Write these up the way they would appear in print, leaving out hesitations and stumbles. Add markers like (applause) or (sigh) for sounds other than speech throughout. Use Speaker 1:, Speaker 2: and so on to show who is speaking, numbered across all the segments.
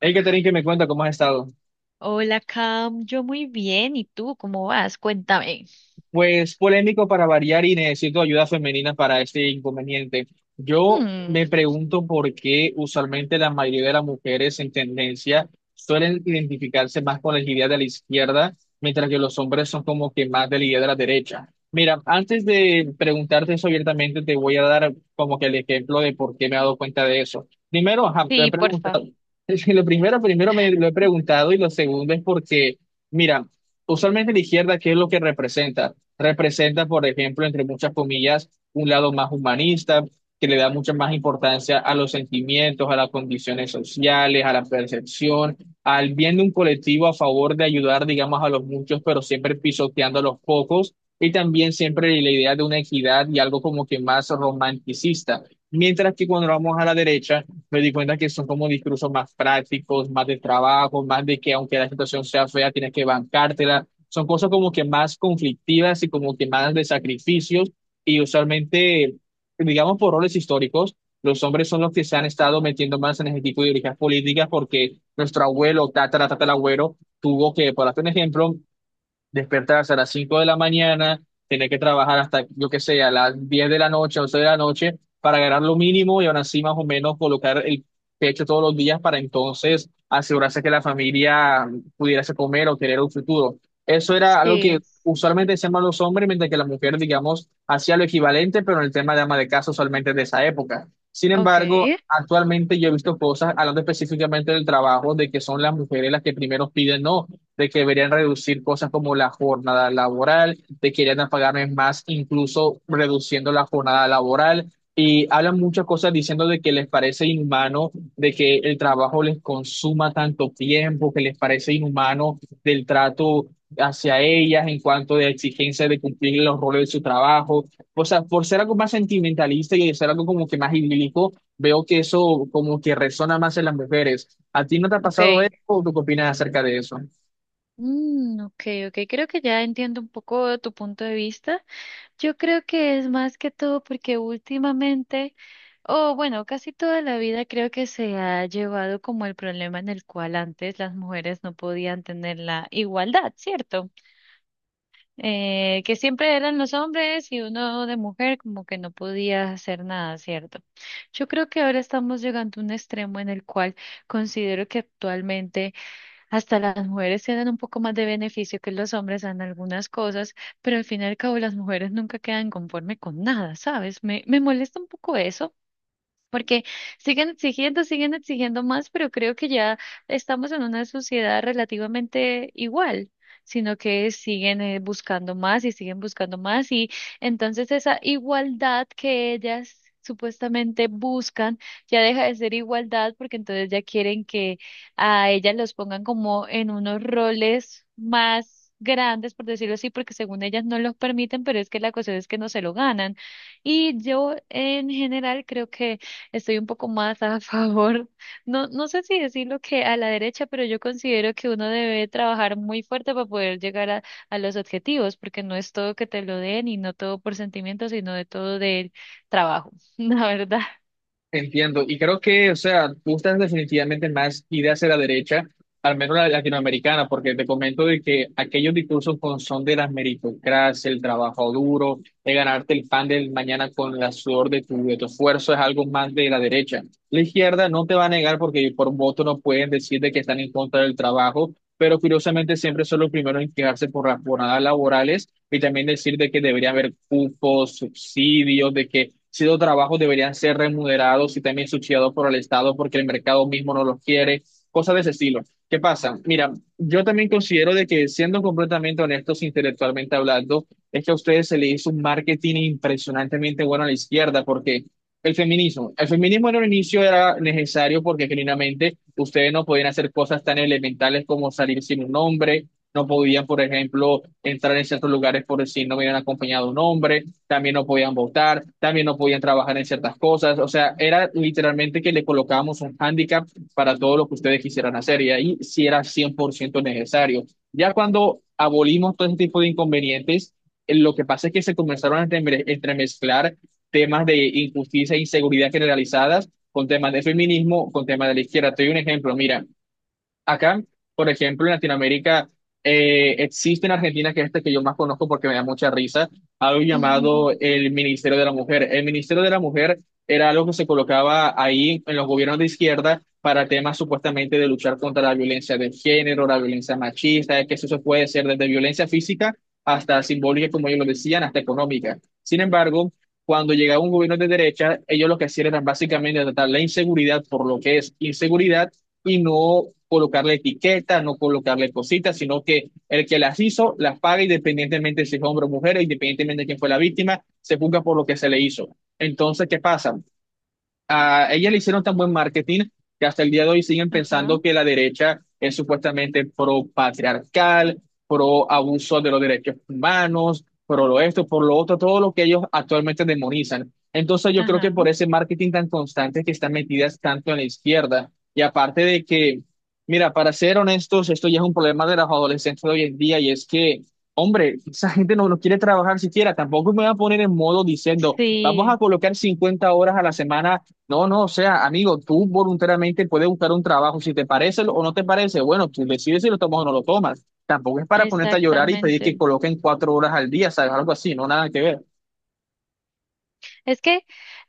Speaker 1: Hey, Catherine, que me cuenta cómo has estado.
Speaker 2: Hola, Cam. Yo muy bien. ¿Y tú cómo vas? Cuéntame.
Speaker 1: Pues polémico para variar y necesito ayuda femenina para este inconveniente. Yo me
Speaker 2: Mm,
Speaker 1: pregunto por qué usualmente la mayoría de las mujeres en tendencia suelen identificarse más con la idea de la izquierda, mientras que los hombres son como que más de la idea de la derecha. Mira, antes de preguntarte eso abiertamente, te voy a dar como que el ejemplo de por qué me he dado cuenta de eso. Primero, ajá, me he
Speaker 2: sí, porfa.
Speaker 1: preguntado, (laughs) es que lo primero, primero me lo he preguntado y lo segundo es porque, mira, usualmente la izquierda, ¿qué es lo que representa? Representa, por ejemplo, entre muchas comillas, un lado más humanista, que le da mucha más importancia a los sentimientos, a las condiciones sociales, a la percepción, al bien de un colectivo a favor de ayudar, digamos, a los muchos, pero siempre pisoteando a los pocos, y también siempre la idea de una equidad y algo como que más romanticista. Mientras que cuando vamos a la derecha, me di cuenta que son como discursos más prácticos, más de trabajo, más de que aunque la situación sea fea, tienes que bancártela. Son cosas como que más conflictivas y como que más de sacrificios y usualmente, digamos, por roles históricos, los hombres son los que se han estado metiendo más en ese tipo de ideologías políticas porque nuestro abuelo, tatara, tatarabuelo, tuvo que, por hacer un ejemplo, despertarse a las 5 de la mañana, tener que trabajar hasta, yo qué sé, a las 10 de la noche, 11 de la noche, para ganar lo mínimo y aún así más o menos colocar el pecho todos los días para entonces asegurarse que la familia pudiese comer o tener un futuro. Eso era algo que
Speaker 2: Sí.
Speaker 1: usualmente hacían los hombres, mientras que la mujer, digamos, hacía lo equivalente, pero en el tema de ama de casa usualmente de esa época. Sin
Speaker 2: Ok,
Speaker 1: embargo, actualmente yo he visto cosas, hablando específicamente del trabajo, de que son las mujeres las que primero piden, no, de que deberían reducir cosas como la jornada laboral, de que deberían pagarme más, incluso reduciendo la jornada laboral. Y hablan muchas cosas diciendo de que les parece inhumano, de que el trabajo les consuma tanto tiempo, que les parece inhumano del trato hacia ellas en cuanto de exigencia de cumplir los roles de su trabajo. O sea, por ser algo más sentimentalista y ser algo como que más idílico, veo que eso como que resona más en las mujeres. ¿A ti no te ha
Speaker 2: ok.
Speaker 1: pasado eso o tú qué opinas acerca de eso?
Speaker 2: Mm, ok, ok. Creo que ya entiendo un poco tu punto de vista. Yo creo que es más que todo porque últimamente, o bueno, casi toda la vida creo que se ha llevado como el problema en el cual antes las mujeres no podían tener la igualdad, ¿cierto? Que siempre eran los hombres y uno de mujer como que no podía hacer nada, ¿cierto? Yo creo que ahora estamos llegando a un extremo en el cual considero que actualmente hasta las mujeres tienen un poco más de beneficio que los hombres en algunas cosas, pero al fin y al cabo las mujeres nunca quedan conforme con nada, ¿sabes? Me molesta un poco eso. Porque siguen exigiendo más, pero creo que ya estamos en una sociedad relativamente igual, sino que siguen buscando más y siguen buscando más. Y entonces esa igualdad que ellas supuestamente buscan ya deja de ser igualdad porque entonces ya quieren que a ellas los pongan como en unos roles más grandes, por decirlo así, porque según ellas no los permiten, pero es que la cuestión es que no se lo ganan. Y yo en general creo que estoy un poco más a (laughs) favor, no, no sé si decirlo que a la derecha, pero yo considero que uno debe trabajar muy fuerte para poder llegar a los objetivos, porque no es todo que te lo den y no todo por sentimiento, sino de todo del trabajo, (laughs) la verdad.
Speaker 1: Entiendo, y creo que, o sea, gustan definitivamente más ir hacia la derecha, al menos la latinoamericana, porque te comento de que aquellos discursos con son de las meritocracia, el trabajo duro, de ganarte el pan del mañana con el sudor de tu esfuerzo, es algo más de la derecha. La izquierda no te va a negar porque por voto no pueden decir de que están en contra del trabajo, pero curiosamente siempre son los primeros en quejarse por las jornadas laborales y también decir de que debería haber cupos, subsidios, de que ciertos trabajos deberían ser remunerados y también subsidiados por el Estado porque el mercado mismo no los quiere, cosas de ese estilo. ¿Qué pasa? Mira, yo también considero de que siendo completamente honestos e intelectualmente hablando, es que a ustedes se le hizo un marketing impresionantemente bueno a la izquierda porque... El feminismo. El feminismo en un inicio era necesario porque genuinamente ustedes no podían hacer cosas tan elementales como salir sin un nombre, no podían, por ejemplo, entrar en ciertos lugares por si no hubieran acompañado un hombre, también no podían votar, también no podían trabajar en ciertas cosas. O sea, era literalmente que le colocábamos un hándicap para todo lo que ustedes quisieran hacer y ahí sí era 100% necesario. Ya cuando abolimos todo ese tipo de inconvenientes, lo que pasa es que se comenzaron a entremezclar temas de injusticia e inseguridad generalizadas con temas de feminismo, con temas de la izquierda. Te doy un ejemplo, mira, acá, por ejemplo, en Latinoamérica, existe en Argentina, que es este que yo más conozco porque me da mucha risa, algo
Speaker 2: Ujú.
Speaker 1: llamado el Ministerio de la Mujer. El Ministerio de la Mujer era algo que se colocaba ahí en los gobiernos de izquierda para temas supuestamente de luchar contra la violencia de género, la violencia machista, que eso se puede ser desde violencia física hasta simbólica, como ellos lo decían, hasta económica. Sin embargo, cuando llegaba un gobierno de derecha, ellos lo que hacían era básicamente tratar la inseguridad por lo que es inseguridad y no colocarle etiquetas, no colocarle cositas, sino que el que las hizo las paga independientemente si es hombre o mujer, e independientemente de quién fue la víctima, se juzga por lo que se le hizo. Entonces, ¿qué pasa? A ella le hicieron tan buen marketing que hasta el día de hoy siguen
Speaker 2: Ajá,
Speaker 1: pensando que la derecha es supuestamente pro patriarcal, pro abuso de los derechos humanos, pro lo esto, por lo otro, todo lo que ellos actualmente demonizan. Entonces yo creo que
Speaker 2: ajá.
Speaker 1: por ese marketing tan constante que están metidas tanto en la izquierda y aparte de que, mira, para ser honestos, esto ya es un problema de los adolescentes de hoy en día y es que... Hombre, esa gente no, no quiere trabajar siquiera. Tampoco me va a poner en modo diciendo, vamos a
Speaker 2: Sí,
Speaker 1: colocar 50 horas a la semana. No, no, o sea, amigo, tú voluntariamente puedes buscar un trabajo, si te parece o no te parece, bueno, tú decides si lo tomas o no lo tomas. Tampoco es para ponerte a llorar y pedir que
Speaker 2: exactamente.
Speaker 1: coloquen 4 horas al día, ¿sabes? Algo así, no nada que ver.
Speaker 2: Es que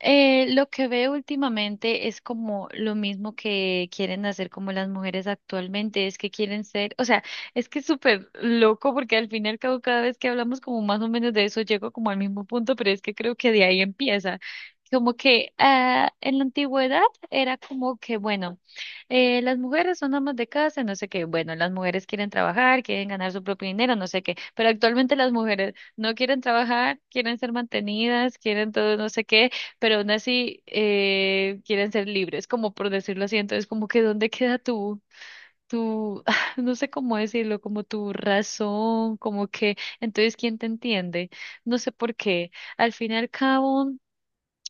Speaker 2: Lo que veo últimamente es como lo mismo que quieren hacer como las mujeres actualmente, es que quieren ser, o sea, es que es súper loco porque al fin y al cabo cada vez que hablamos como más o menos de eso llego como al mismo punto, pero es que creo que de ahí empieza. Como que en la antigüedad era como que, bueno, las mujeres son amas de casa, no sé qué. Bueno, las mujeres quieren trabajar, quieren ganar su propio dinero, no sé qué. Pero actualmente las mujeres no quieren trabajar, quieren ser mantenidas, quieren todo, no sé qué, pero aún así quieren ser libres, como por decirlo así. Entonces, como que ¿dónde queda tu, tu, (laughs) no sé cómo decirlo, como tu razón, como que, entonces, ¿quién te entiende? No sé por qué. Al fin y al cabo.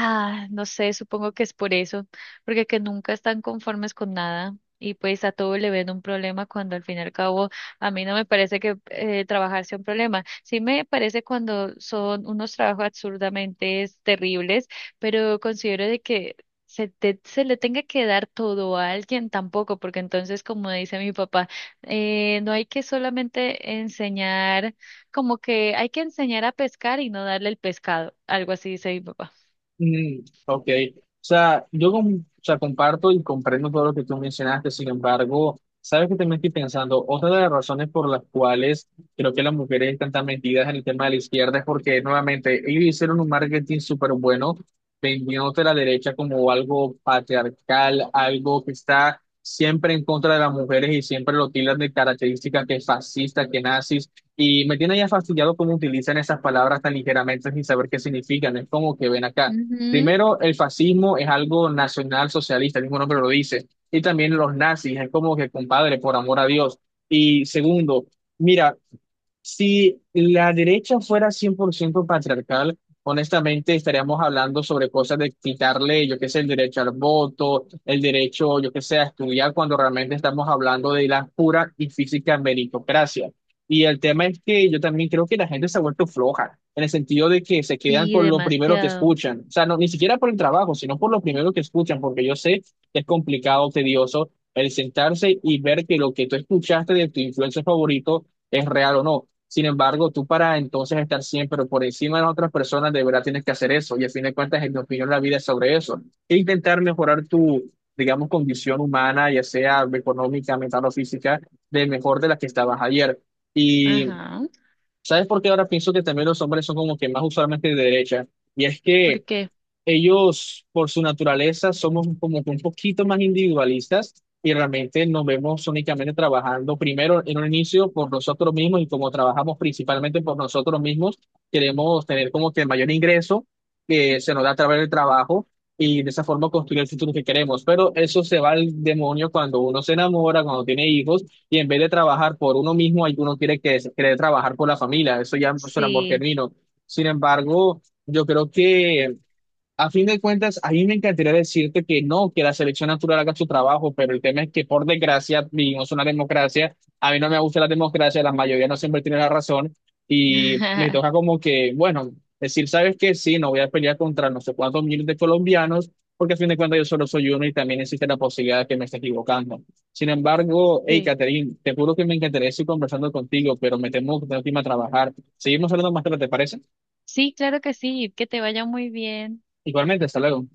Speaker 2: Ah, no sé, supongo que es por eso, porque que nunca están conformes con nada y pues a todo le ven un problema cuando al fin y al cabo a mí no me parece que trabajar sea un problema. Sí me parece cuando son unos trabajos absurdamente terribles, pero considero de que se le tenga que dar todo a alguien tampoco, porque entonces, como dice mi papá, no hay que solamente enseñar, como que hay que enseñar a pescar y no darle el pescado, algo así dice mi papá.
Speaker 1: Mm, ok, o sea, o sea, comparto y comprendo todo lo que tú mencionaste, sin embargo, sabes que también estoy pensando, otra de las razones por las cuales creo que las mujeres están tan metidas en el tema de la izquierda es porque nuevamente ellos hicieron un marketing súper bueno, vendiéndote la derecha como algo patriarcal, algo que está siempre en contra de las mujeres y siempre lo tildan de características que es fascista, que nazis. Y me tiene ya fastidiado cómo utilizan esas palabras tan ligeramente sin saber qué significan. Es como que ven acá.
Speaker 2: Ujú,
Speaker 1: Primero, el fascismo es algo nacional socialista, el mismo nombre lo dice, y también los nazis, es como que compadre, por amor a Dios. Y segundo, mira, si la derecha fuera 100% patriarcal, honestamente estaríamos hablando sobre cosas de quitarle, yo qué sé, el derecho al voto, el derecho, yo qué sé, a estudiar, cuando realmente estamos hablando de la pura y física meritocracia. Y el tema es que yo también creo que la gente se ha vuelto floja, en el sentido de que se quedan
Speaker 2: sí,
Speaker 1: con lo primero que
Speaker 2: demasiado.
Speaker 1: escuchan. O sea, no, ni siquiera por el trabajo, sino por lo primero que escuchan, porque yo sé que es complicado, tedioso el sentarse y ver que lo que tú escuchaste de tu influencer favorito es real o no. Sin embargo, tú para entonces estar siempre por encima de las otras personas, de verdad tienes que hacer eso. Y a fin de cuentas, en mi opinión, la vida es sobre eso. E intentar mejorar tu, digamos, condición humana, ya sea económica, mental o física, de mejor de la que estabas ayer. Y
Speaker 2: Ajá.
Speaker 1: ¿sabes por qué ahora pienso que también los hombres son como que más usualmente de derecha? Y es que
Speaker 2: Porque
Speaker 1: ellos, por su naturaleza, somos como que un poquito más individualistas y realmente nos vemos únicamente trabajando primero en un inicio por nosotros mismos y como trabajamos principalmente por nosotros mismos, queremos tener como que el mayor ingreso que se nos da a través del trabajo y de esa forma construir el futuro que queremos. Pero eso se va al demonio cuando uno se enamora, cuando tiene hijos y en vez de trabajar por uno mismo, uno quiere trabajar por la familia. Eso ya no es un amor
Speaker 2: sí.
Speaker 1: genuino. Sin embargo, yo creo que a fin de cuentas, a mí me encantaría decirte que no, que la selección natural haga su trabajo, pero el tema es que por desgracia vivimos una democracia. A mí no me gusta la democracia, la mayoría no siempre tiene la razón y me toca
Speaker 2: (laughs)
Speaker 1: como que, bueno, decir, ¿sabes qué? Sí, no voy a pelear contra no sé cuántos miles de colombianos, porque a fin de cuentas yo solo soy uno y también existe la posibilidad de que me esté equivocando. Sin embargo, hey,
Speaker 2: Sí.
Speaker 1: Catherine, te juro que me encantaría seguir conversando contigo, pero me temo que tengo que irme a trabajar. Seguimos hablando más tarde, ¿te parece?
Speaker 2: Sí, claro que sí. Que te vaya muy bien.
Speaker 1: Igualmente, hasta luego.